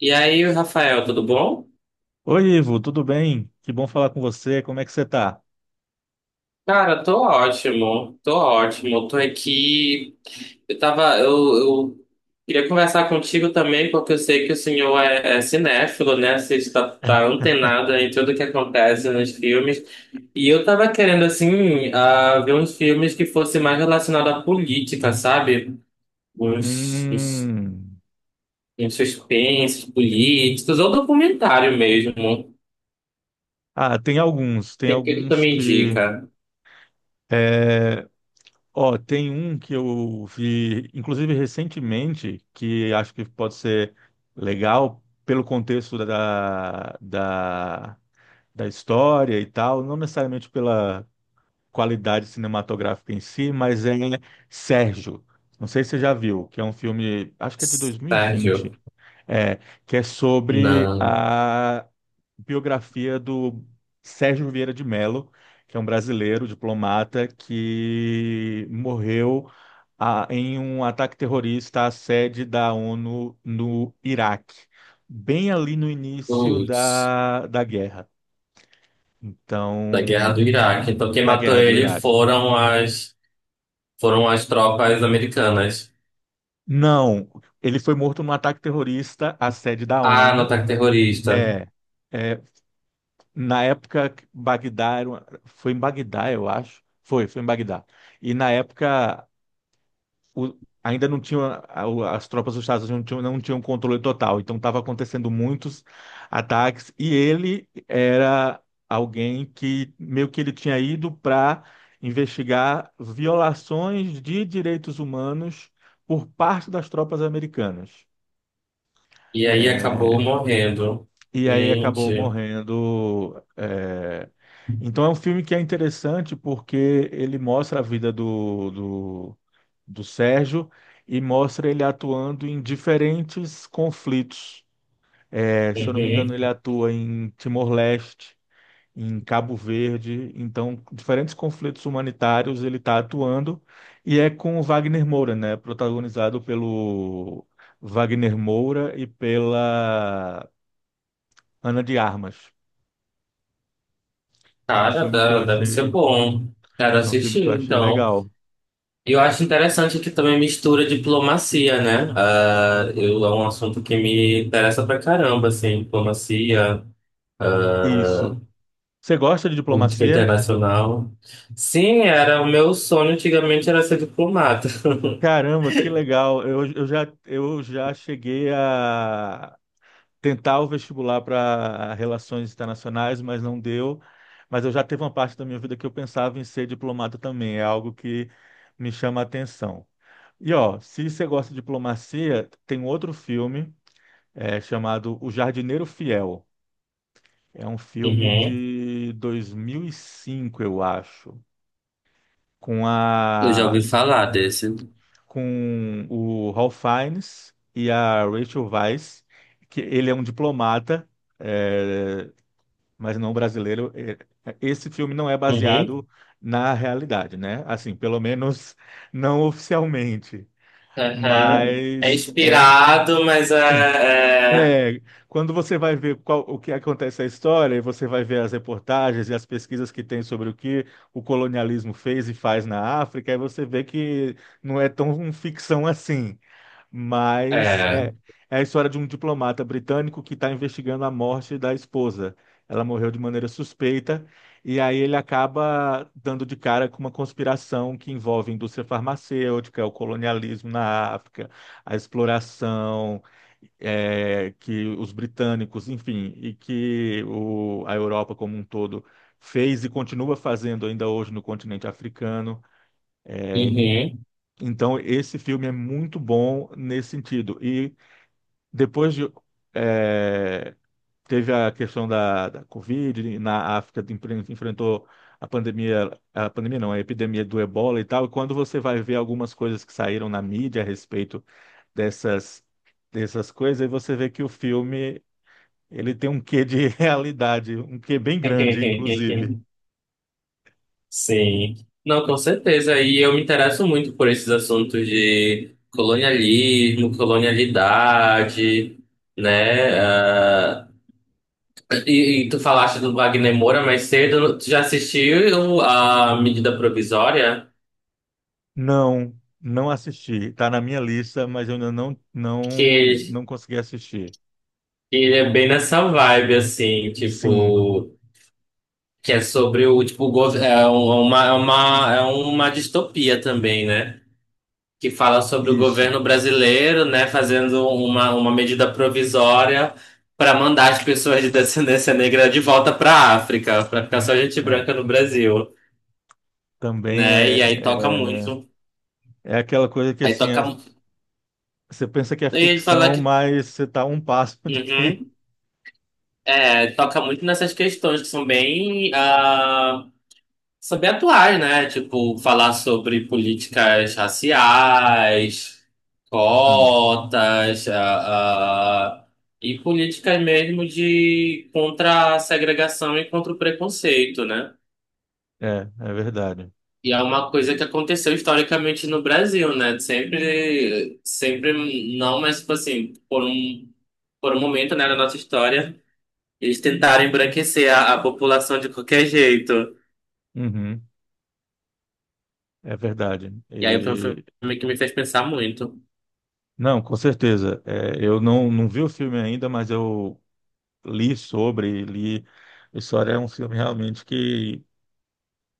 E aí, Rafael, tudo bom? Oi, Ivo, tudo bem? Que bom falar com você. Como é que você tá? Cara, tô ótimo, tô ótimo. Tô aqui. Eu queria conversar contigo também, porque eu sei que o senhor é cinéfilo, né? Você tá antenado em tudo que acontece nos filmes. E eu tava querendo, assim, ver uns filmes que fossem mais relacionados à política, sabe? Uns, uns, Hum. uns suspensos políticos, ou documentário mesmo. Ah, tem alguns, tem Tem que tu alguns me que. indica, É, ó, tem um que eu vi, inclusive recentemente, que acho que pode ser legal pelo contexto da história e tal, não necessariamente pela qualidade cinematográfica em si, mas é Sérgio. Não sei se você já viu, que é um filme, acho que é de 2020. Sérgio? É, que é sobre Não, a biografia do Sérgio Vieira de Mello, que é um brasileiro diplomata que morreu em um ataque terrorista à sede da ONU no Iraque, bem ali no início putz, da guerra, da guerra do então, Iraque. Então quem da matou guerra do ele Iraque. foram as tropas americanas. Não, ele foi morto num ataque terrorista à sede da Ah, no ONU. ataque terrorista. É, é. Na época, Bagdá foi em Bagdá, eu acho. Foi em Bagdá. E na época, o- ainda não tinha, as tropas dos Estados Unidos não tinham controle total. Então, estava acontecendo muitos ataques. E ele era alguém que meio que ele tinha ido para investigar violações de direitos humanos por parte das tropas americanas. E aí É, acabou morrendo. e aí acabou Gente. morrendo. É. Então é um filme que é interessante porque ele mostra a vida do Sérgio e mostra ele atuando em diferentes conflitos. É, se eu não me engano, ele Uhum. atua em Timor-Leste, em Cabo Verde, então diferentes conflitos humanitários ele está atuando, e é com o Wagner Moura, né? Protagonizado pelo Wagner Moura e pela Ana de Armas. É um Cara, filme que eu da- deve ser achei, bom. Quero é um filme que eu assistir, achei então. legal. E eu acho interessante que também mistura diplomacia, né? É um assunto que me interessa pra caramba, assim, diplomacia. Isso. Você gosta de Política diplomacia? internacional. Sim, era o meu sonho antigamente era ser diplomata. Caramba, que legal. Eu já cheguei a tentar o vestibular para relações internacionais, mas não deu. Mas eu já teve uma parte da minha vida que eu pensava em ser diplomata também. É algo que me chama a atenção. E ó, se você gosta de diplomacia, tem outro filme chamado O Jardineiro Fiel. É um filme Uhum. de 2005, eu acho. com a Eu já ouvi falar desse. com o Ralph Fiennes e a Rachel Weisz, que ele é um diplomata, é, mas não brasileiro. É, esse filme não é Uhum. baseado na realidade, né? Assim, pelo menos não oficialmente. Aham. É Mas é, inspirado, mas é. É, quando você vai ver o que acontece na história, e você vai ver as reportagens e as pesquisas que tem sobre o que o colonialismo fez e faz na África, aí você vê que não é tão um ficção assim, É, mas é, é. é a história de um diplomata britânico que está investigando a morte da esposa. Ela morreu de maneira suspeita, e aí ele acaba dando de cara com uma conspiração que envolve indústria farmacêutica, o colonialismo na África, a exploração que os britânicos, enfim, e que a Europa como um todo fez e continua fazendo ainda hoje no continente africano. É, Uhum. então, esse filme é muito bom nesse sentido. E depois de. é, Teve a questão da Covid, na África enfrentou. A pandemia não, a epidemia do Ebola e tal, e quando você vai ver algumas coisas que saíram na mídia a respeito dessas, dessas coisas, aí você vê que o filme ele tem um quê de realidade, um quê bem grande, inclusive. Sim. Não, com certeza. E eu me interesso muito por esses assuntos de colonialismo, colonialidade, né? E tu falaste do Wagner Moura mais cedo, tu já assistiu a Medida Provisória? Não, não assisti. Está na minha lista, mas eu ainda não, Que não, ele, não consegui assistir. ele é bem nessa vibe, assim, Sim, tipo, que é sobre o, tipo, o gov- é uma distopia também, né? Que fala sobre o isso. governo brasileiro, né, fazendo uma medida provisória para mandar as pessoas de descendência negra de volta para a África, para ficar só gente É. branca no Brasil, Também né? E aí toca muito. é, é aquela coisa que Aí assim, toca, você pensa que é eu ia falar. ficção, mas você está um passo de. Uhum. É, toca muito nessas questões que são bem, são bem atuais, né? Tipo, falar sobre políticas raciais, Sim, cotas, e políticas mesmo de contra a segregação e contra o preconceito, né? é, é verdade. E é uma coisa que aconteceu historicamente no Brasil, né? Sempre, sempre não, mas tipo assim, por um momento, né, da nossa história. Eles tentaram embranquecer a população de qualquer jeito. Uhum, é verdade. E aí foi um E, filme que me fez pensar muito. não, com certeza. É, eu não vi o filme ainda, mas eu li sobre, li. História é um filme realmente que,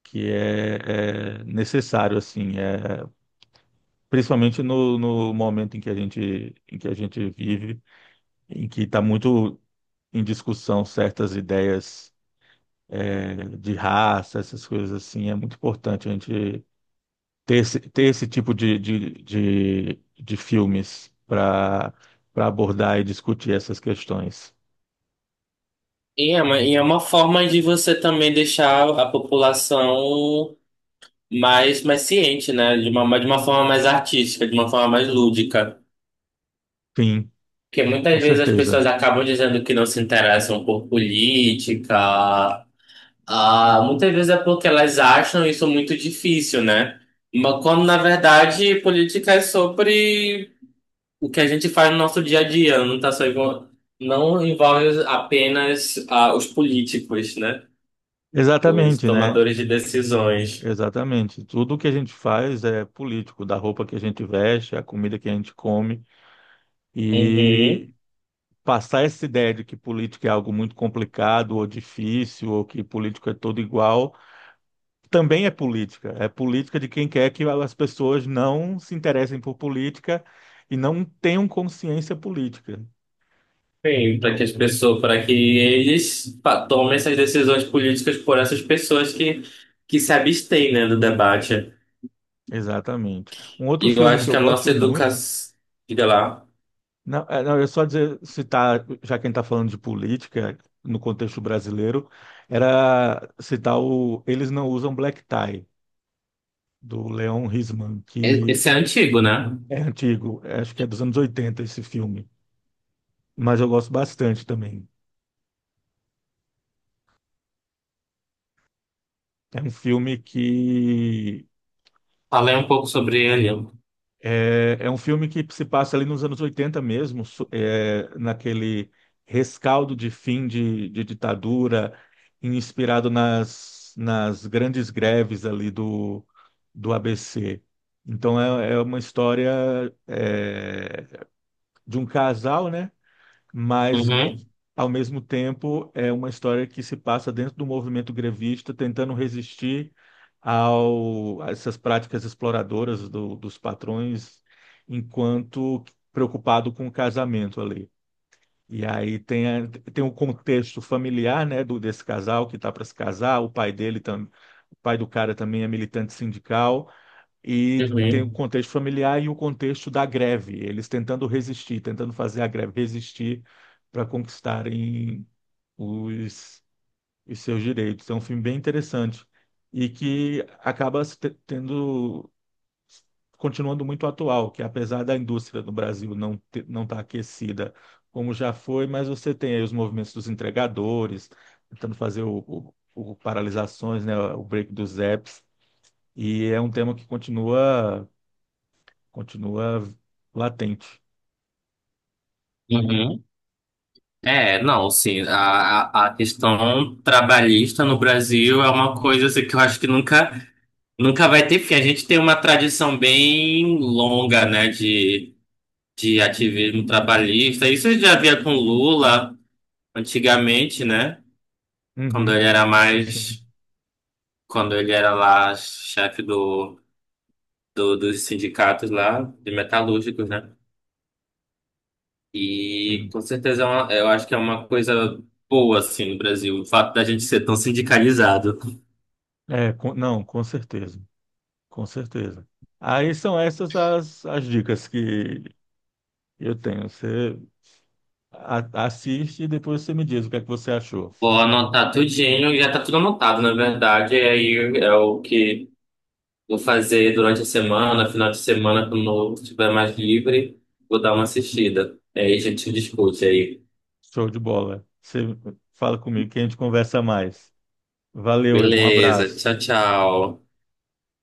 que é necessário, assim, principalmente no momento em que a gente vive, em que está muito em discussão certas ideias de raça, essas coisas assim, é muito importante a gente ter esse tipo de filmes para abordar e discutir essas questões. E é uma forma de você também deixar a população mais ciente, né? De uma forma mais artística, de uma forma mais lúdica. Sim, Porque com muitas vezes as pessoas certeza. acabam dizendo que não se interessam por política. Ah, muitas vezes é porque elas acham isso muito difícil, né? Mas quando na verdade política é sobre o que a gente faz no nosso dia a dia, não tá só envol- não envolve apenas os políticos, né? Os Exatamente, né? tomadores de decisões. Exatamente. Tudo que a gente faz é político, da roupa que a gente veste, a comida que a gente come. E Uhum. passar essa ideia de que política é algo muito complicado ou difícil, ou que político é todo igual, também é política. É política de quem quer que as pessoas não se interessem por política e não tenham consciência política. Sim, para que Então, as pessoas, para que eles pa- tomem essas decisões políticas por essas pessoas que se abstêm, né, do debate. exatamente. Um outro E eu filme acho que que eu a nossa gosto muito educação, diga lá. Não, não, eu só dizer, citar, já quem está falando de política no contexto brasileiro, era citar o Eles Não Usam Black Tie, do Leon Risman, E- que esse é antigo, né? é antigo, acho que é dos anos 80 esse filme, mas eu gosto bastante também. É um filme que Falei um pouco sobre ele. É um filme que se passa ali nos anos 80 mesmo, naquele rescaldo de fim de ditadura, inspirado nas grandes greves ali do ABC. Então é uma história é, de um casal, né? Mas Uhum, ao mesmo tempo é uma história que se passa dentro do movimento grevista, tentando resistir a essas práticas exploradoras dos patrões, enquanto preocupado com o casamento ali. E aí tem o contexto familiar, né, desse casal que está para se casar, o pai dele, o pai do cara também é militante sindical, e tem o uhum, contexto familiar e o contexto da greve, eles tentando resistir, tentando fazer a greve resistir para conquistarem os, os seus direitos. É um filme bem interessante e que acaba se te- tendo continuando muito atual, que apesar da indústria do Brasil não estar aquecida como já foi, mas você tem aí os movimentos dos entregadores tentando fazer o paralisações, né, o break dos apps. E é um tema que continua continua latente. uhum. É, não, sim, a, a questão trabalhista no Brasil é uma coisa assim, que eu acho que nunca vai ter fim. A gente tem uma tradição bem longa, né, de ativismo trabalhista. Isso eu já via com Lula antigamente, né, quando Uhum, ele era sim. mais, quando ele era lá chefe dos sindicatos lá, de metalúrgicos, né? E Sim. com certeza é uma- eu acho que é uma coisa boa, assim, no Brasil, o fato da gente ser tão sindicalizado. É, não, com certeza, com certeza. Aí são essas as dicas que eu tenho. Você assiste e depois você me diz o que é que você achou. Vou anotar tudinho, já tá tudo anotado, na verdade. E aí é o que vou fazer durante a semana, final de semana, quando eu estiver mais livre, vou dar uma assistida. Aí a gente discute aí. Show de bola. Você fala comigo que a gente conversa mais. Valeu, Ivo, um Beleza, tchau, abraço. tchau.